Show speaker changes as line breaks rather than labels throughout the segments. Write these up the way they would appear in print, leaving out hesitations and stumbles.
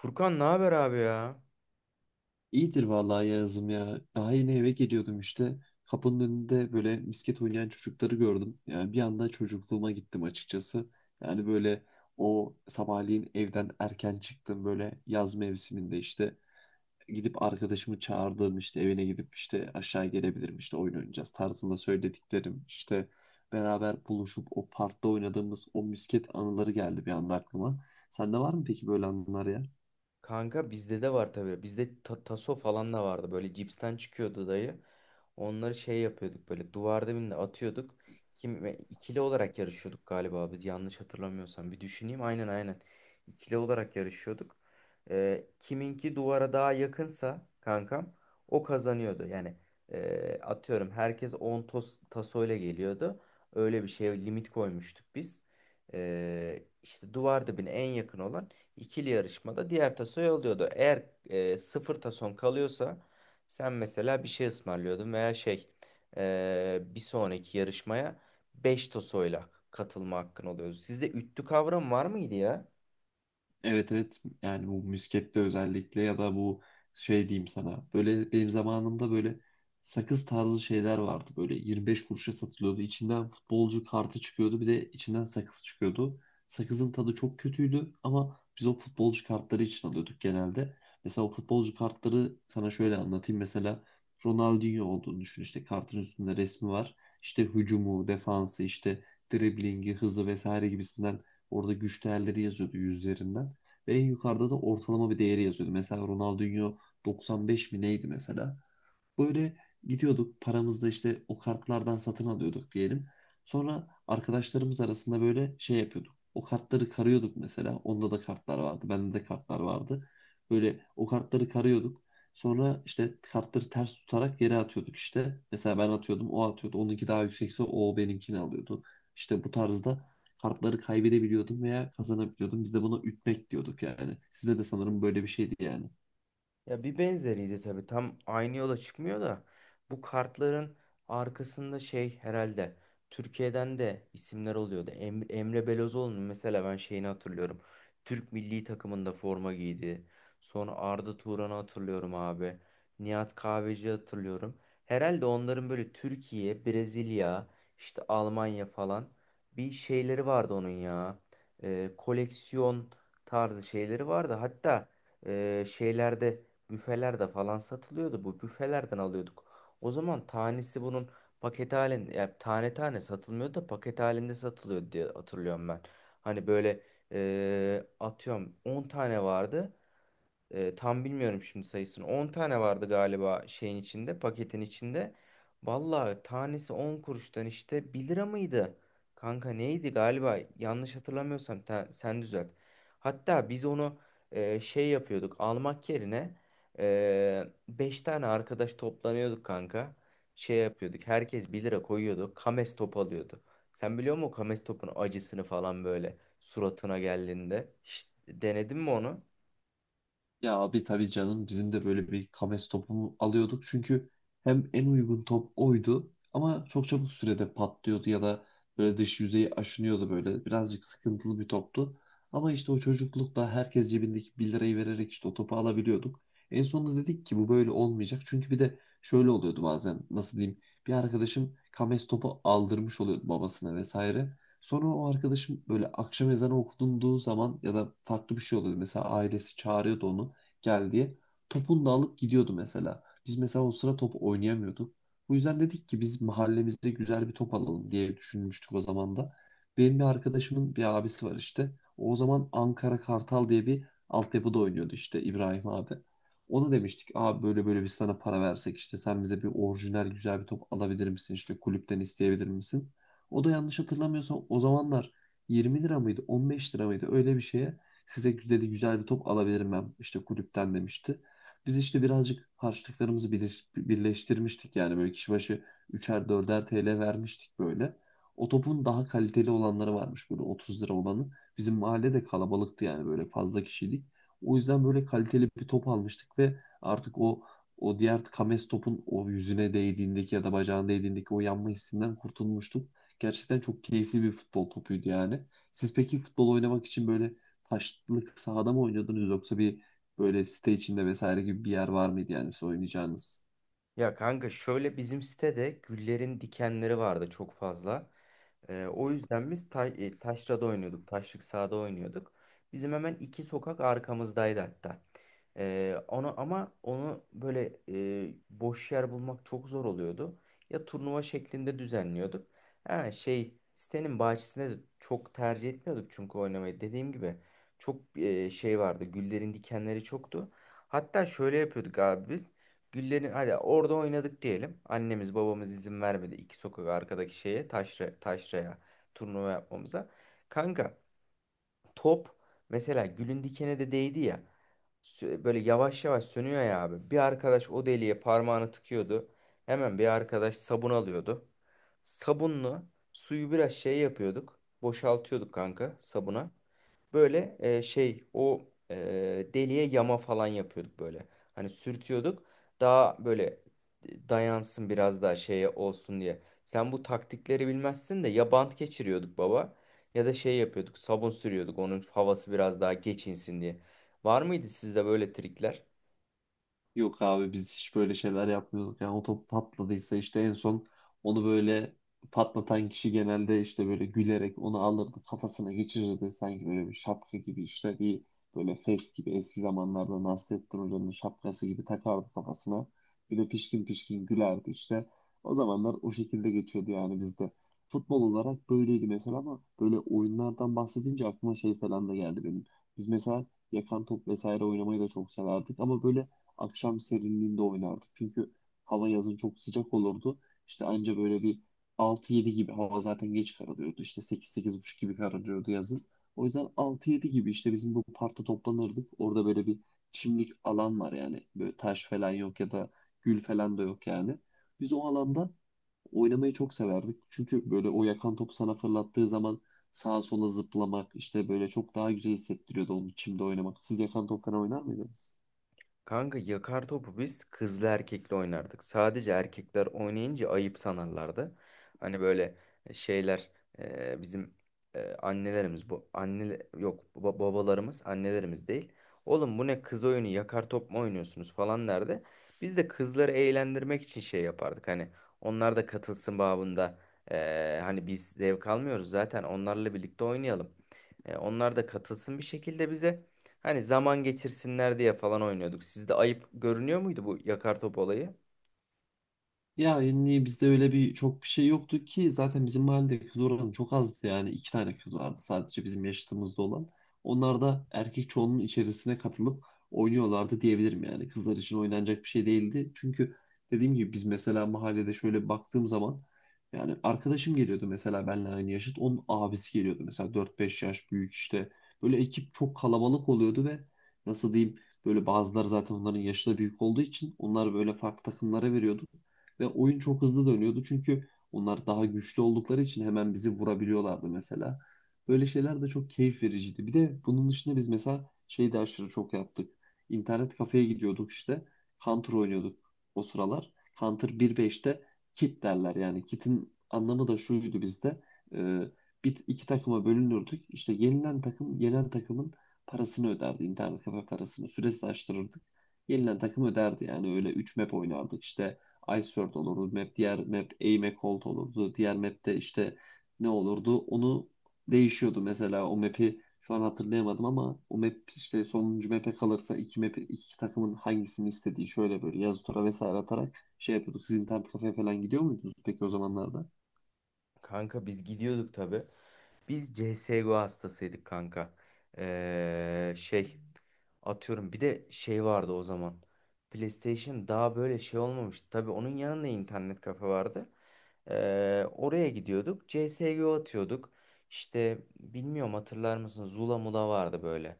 Furkan ne haber abi ya?
İyidir vallahi Yağız'ım ya. Daha yeni eve geliyordum işte. Kapının önünde böyle misket oynayan çocukları gördüm. Yani bir anda çocukluğuma gittim açıkçası. Yani böyle o sabahleyin evden erken çıktım böyle yaz mevsiminde işte. Gidip arkadaşımı çağırdığım işte evine gidip işte aşağı gelebilirim işte oyun oynayacağız tarzında söylediklerim, beraber buluşup o parkta oynadığımız o misket anıları geldi bir anda aklıma. Sende var mı peki böyle anılar ya?
Kanka bizde de var tabii. Bizde taso falan da vardı. Böyle cipsten çıkıyordu dayı. Onları şey yapıyorduk böyle duvarda birine atıyorduk. Kim ve ikili olarak yarışıyorduk galiba biz yanlış hatırlamıyorsam. Bir düşüneyim, aynen aynen. İkili olarak yarışıyorduk. Kiminki duvara daha yakınsa kankam o kazanıyordu. Yani atıyorum herkes 10 tasoyla geliyordu. Öyle bir şeye limit koymuştuk biz. İşte duvar dibine en yakın olan ikili yarışmada diğer tasoyu alıyordu. Eğer sıfır tason kalıyorsa sen mesela bir şey ısmarlıyordun veya şey, bir sonraki yarışmaya 5 tosoyla katılma hakkın oluyordu. Sizde üttü kavramı var mıydı ya?
Evet evet, yani bu müskette özellikle ya da bu şey diyeyim sana, böyle benim zamanımda böyle sakız tarzı şeyler vardı, böyle 25 kuruşa satılıyordu, içinden futbolcu kartı çıkıyordu, bir de içinden sakız çıkıyordu. Sakızın tadı çok kötüydü ama biz o futbolcu kartları için alıyorduk genelde. Mesela o futbolcu kartları sana şöyle anlatayım, mesela Ronaldinho olduğunu düşün, işte kartın üstünde resmi var, işte hücumu, defansı, işte driblingi, hızı vesaire gibisinden orada güç değerleri yazıyordu yüzlerinden ve en yukarıda da ortalama bir değeri yazıyordu. Mesela Ronaldinho 95 mi neydi mesela? Böyle gidiyorduk paramızla işte, o kartlardan satın alıyorduk diyelim. Sonra arkadaşlarımız arasında böyle şey yapıyorduk. O kartları karıyorduk mesela. Onda da kartlar vardı, bende de kartlar vardı. Böyle o kartları karıyorduk. Sonra işte kartları ters tutarak geri atıyorduk işte. Mesela ben atıyordum, o atıyordu. Onunki daha yüksekse o benimkini alıyordu. İşte bu tarzda kartları kaybedebiliyordum veya kazanabiliyordum. Biz de buna ütmek diyorduk yani. Sizde de sanırım böyle bir şeydi yani.
Ya bir benzeriydi tabii. Tam aynı yola çıkmıyor da bu kartların arkasında şey, herhalde Türkiye'den de isimler oluyordu. Emre Belözoğlu'nun mesela ben şeyini hatırlıyorum. Türk milli takımında forma giydi. Sonra Arda Turan'ı hatırlıyorum abi. Nihat Kahveci hatırlıyorum. Herhalde onların böyle Türkiye, Brezilya, işte Almanya falan bir şeyleri vardı onun ya. Koleksiyon tarzı şeyleri vardı. Hatta şeylerde, büfelerde falan satılıyordu. Bu büfelerden alıyorduk. O zaman tanesi bunun paket halinde, ya tane tane satılmıyordu da paket halinde satılıyordu diye hatırlıyorum ben. Hani böyle atıyorum 10 tane vardı. Tam bilmiyorum şimdi sayısını. 10 tane vardı galiba şeyin içinde, paketin içinde. Vallahi tanesi 10 kuruştan işte 1 lira mıydı? Kanka neydi galiba? Yanlış hatırlamıyorsam sen düzelt. Hatta biz onu şey yapıyorduk. Almak yerine 5 tane arkadaş toplanıyorduk kanka. Şey yapıyorduk. Herkes 1 lira koyuyordu. Kames top alıyordu. Sen biliyor musun o Kames topun acısını falan, böyle suratına geldiğinde? Hiç denedin mi onu?
Ya abi tabii canım, bizim de böyle bir Kames topu alıyorduk. Çünkü hem en uygun top oydu ama çok çabuk sürede patlıyordu ya da böyle dış yüzeyi aşınıyordu böyle. Birazcık sıkıntılı bir toptu. Ama işte o çocuklukla herkes cebindeki bir lirayı vererek işte o topu alabiliyorduk. En sonunda dedik ki bu böyle olmayacak. Çünkü bir de şöyle oluyordu bazen, nasıl diyeyim. Bir arkadaşım Kames topu aldırmış oluyordu babasına vesaire. Sonra o arkadaşım böyle akşam ezanı okunduğu zaman ya da farklı bir şey oluyordu. Mesela ailesi çağırıyordu onu, gel diye. Topunu da alıp gidiyordu mesela. Biz mesela o sıra top oynayamıyorduk. Bu yüzden dedik ki biz mahallemizde güzel bir top alalım diye düşünmüştük o zaman da. Benim bir arkadaşımın bir abisi var işte. O zaman Ankara Kartal diye bir altyapıda oynuyordu işte İbrahim abi. Ona demiştik abi, böyle böyle biz sana para versek, işte sen bize bir orijinal güzel bir top alabilir misin, işte kulüpten isteyebilir misin? O da yanlış hatırlamıyorsam o zamanlar 20 lira mıydı 15 lira mıydı öyle bir şeye, size dedi güzel bir top alabilirim ben işte kulüpten demişti. Biz işte birazcık harçlıklarımızı birleştirmiştik yani, böyle kişi başı 3'er 4'er TL vermiştik böyle. O topun daha kaliteli olanları varmış, böyle 30 lira olanı. Bizim mahalle de kalabalıktı yani, böyle fazla kişiydik. O yüzden böyle kaliteli bir top almıştık ve artık o diğer kames topun o yüzüne değdiğindeki ya da bacağına değdiğindeki o yanma hissinden kurtulmuştuk. Gerçekten çok keyifli bir futbol topuydu yani. Siz peki futbol oynamak için böyle taşlık sahada mı oynuyordunuz, yoksa bir böyle site içinde vesaire gibi bir yer var mıydı yani siz oynayacağınız?
Ya kanka, şöyle bizim sitede güllerin dikenleri vardı çok fazla. O yüzden biz taşrada oynuyorduk. Taşlık sahada oynuyorduk. Bizim hemen iki sokak arkamızdaydı hatta. Onu, ama onu böyle boş yer bulmak çok zor oluyordu. Ya, turnuva şeklinde düzenliyorduk. Ha, şey, sitenin bahçesinde de çok tercih etmiyorduk çünkü oynamayı. Dediğim gibi çok şey vardı. Güllerin dikenleri çoktu. Hatta şöyle yapıyorduk abi biz. Güllerin, hadi orada oynadık diyelim. Annemiz babamız izin vermedi iki sokak arkadaki şeye, taşraya turnuva yapmamıza. Kanka, top mesela gülün dikene de değdi ya. Böyle yavaş yavaş sönüyor ya abi. Bir arkadaş o deliğe parmağını tıkıyordu. Hemen bir arkadaş sabun alıyordu. Sabunlu suyu biraz şey yapıyorduk. Boşaltıyorduk kanka sabuna. Böyle şey, o deliye yama falan yapıyorduk böyle. Hani sürtüyorduk. Daha böyle dayansın, biraz daha şeye olsun diye. Sen bu taktikleri bilmezsin de ya, bant geçiriyorduk baba, ya da şey yapıyorduk, sabun sürüyorduk onun havası biraz daha geçinsin diye. Var mıydı sizde böyle trikler?
Yok abi, biz hiç böyle şeyler yapmıyorduk. Yani o top patladıysa işte en son onu böyle patlatan kişi genelde işte böyle gülerek onu alırdı, kafasına geçirirdi. Sanki böyle bir şapka gibi, işte bir böyle fes gibi, eski zamanlarda Nasrettin Hoca'nın şapkası gibi takardı kafasına. Bir de pişkin pişkin gülerdi işte. O zamanlar o şekilde geçiyordu yani bizde. Futbol olarak böyleydi mesela, ama böyle oyunlardan bahsedince aklıma şey falan da geldi benim. Biz mesela yakan top vesaire oynamayı da çok severdik ama böyle akşam serinliğinde oynardık. Çünkü hava yazın çok sıcak olurdu. İşte anca böyle bir altı yedi gibi, hava zaten geç kararıyordu. İşte sekiz sekiz buçuk gibi kararıyordu yazın. O yüzden altı yedi gibi işte bizim bu parkta toplanırdık. Orada böyle bir çimlik alan var yani. Böyle taş falan yok ya da gül falan da yok yani. Biz o alanda oynamayı çok severdik. Çünkü böyle o yakan topu sana fırlattığı zaman sağa sola zıplamak işte böyle çok daha güzel hissettiriyordu, onu çimde oynamak. Siz yakan top falan oynar mıydınız?
Kanka, yakar topu biz kızlı erkekli oynardık. Sadece erkekler oynayınca ayıp sanarlardı. Hani böyle şeyler, bizim annelerimiz, bu anne yok, babalarımız annelerimiz değil. Oğlum, bu ne kız oyunu, yakar top mu oynuyorsunuz falan derdi. Biz de kızları eğlendirmek için şey yapardık. Hani onlar da katılsın babında. Hani biz zevk almıyoruz zaten, onlarla birlikte oynayalım. Onlar da katılsın bir şekilde bize. Hani zaman geçirsinler diye falan oynuyorduk. Sizde ayıp görünüyor muydu bu yakar top olayı?
Ya yani bizde öyle bir çok bir şey yoktu ki, zaten bizim mahallede kız oranı çok azdı, yani iki tane kız vardı sadece bizim yaşıtımızda olan. Onlar da erkek çoğunun içerisine katılıp oynuyorlardı diyebilirim, yani kızlar için oynanacak bir şey değildi. Çünkü dediğim gibi biz mesela mahallede şöyle baktığım zaman, yani arkadaşım geliyordu mesela benimle aynı yaşıt, onun abisi geliyordu mesela 4-5 yaş büyük işte, böyle ekip çok kalabalık oluyordu ve nasıl diyeyim, böyle bazıları, zaten onların yaşı da büyük olduğu için, onlar böyle farklı takımlara veriyordu. Ve oyun çok hızlı dönüyordu çünkü onlar daha güçlü oldukları için hemen bizi vurabiliyorlardı mesela. Böyle şeyler de çok keyif vericiydi. Bir de bunun dışında biz mesela şey de aşırı çok yaptık. İnternet kafeye gidiyorduk işte. Counter oynuyorduk o sıralar. Counter bir beşte kit derler yani. Kit'in anlamı da şuydu bizde. Ee, Bir, iki takıma bölünürdük. İşte yenilen takım, yenen takımın parasını öderdi. İnternet kafe parasını. Süresi de açtırırdık. Yenilen takım öderdi. Yani öyle 3 map oynardık işte. Iceworld olurdu. Map, diğer map Aim Cold olurdu. Diğer map'te işte ne olurdu? Onu değişiyordu mesela, o map'i şu an hatırlayamadım ama o map işte sonuncu map'e kalırsa iki map iki takımın hangisini istediği şöyle böyle yazı tura vesaire atarak şey yapıyorduk. Siz internet kafeye falan gidiyor muydunuz peki o zamanlarda?
Kanka biz gidiyorduk tabii. Biz CSGO hastasıydık kanka. Şey, atıyorum bir de şey vardı o zaman. PlayStation daha böyle şey olmamıştı. Tabii onun yanında internet kafe vardı. Oraya gidiyorduk. CSGO atıyorduk. İşte bilmiyorum, hatırlar mısın? Zula Mula vardı böyle.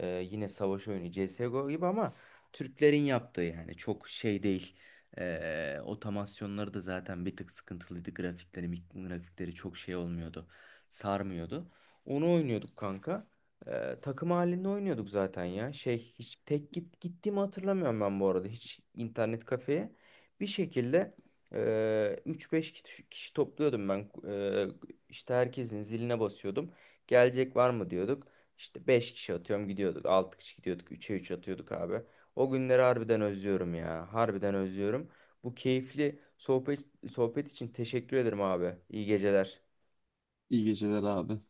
Yine savaş oyunu, CSGO gibi ama Türklerin yaptığı, yani çok şey değil. Otomasyonları da zaten bir tık sıkıntılıydı. Grafikleri, grafikleri çok şey olmuyordu. Sarmıyordu. Onu oynuyorduk kanka. Takım halinde oynuyorduk zaten ya. Şey, hiç tek gittiğimi hatırlamıyorum ben bu arada. Hiç internet kafeye. Bir şekilde e, 3-5 kişi topluyordum ben. İşte herkesin ziline basıyordum. Gelecek var mı diyorduk. İşte 5 kişi atıyorum gidiyorduk. Altı kişi gidiyorduk. 3'e 3 atıyorduk abi. O günleri harbiden özlüyorum ya. Harbiden özlüyorum. Bu keyifli sohbet için teşekkür ederim abi. İyi geceler.
İyi geceler abi.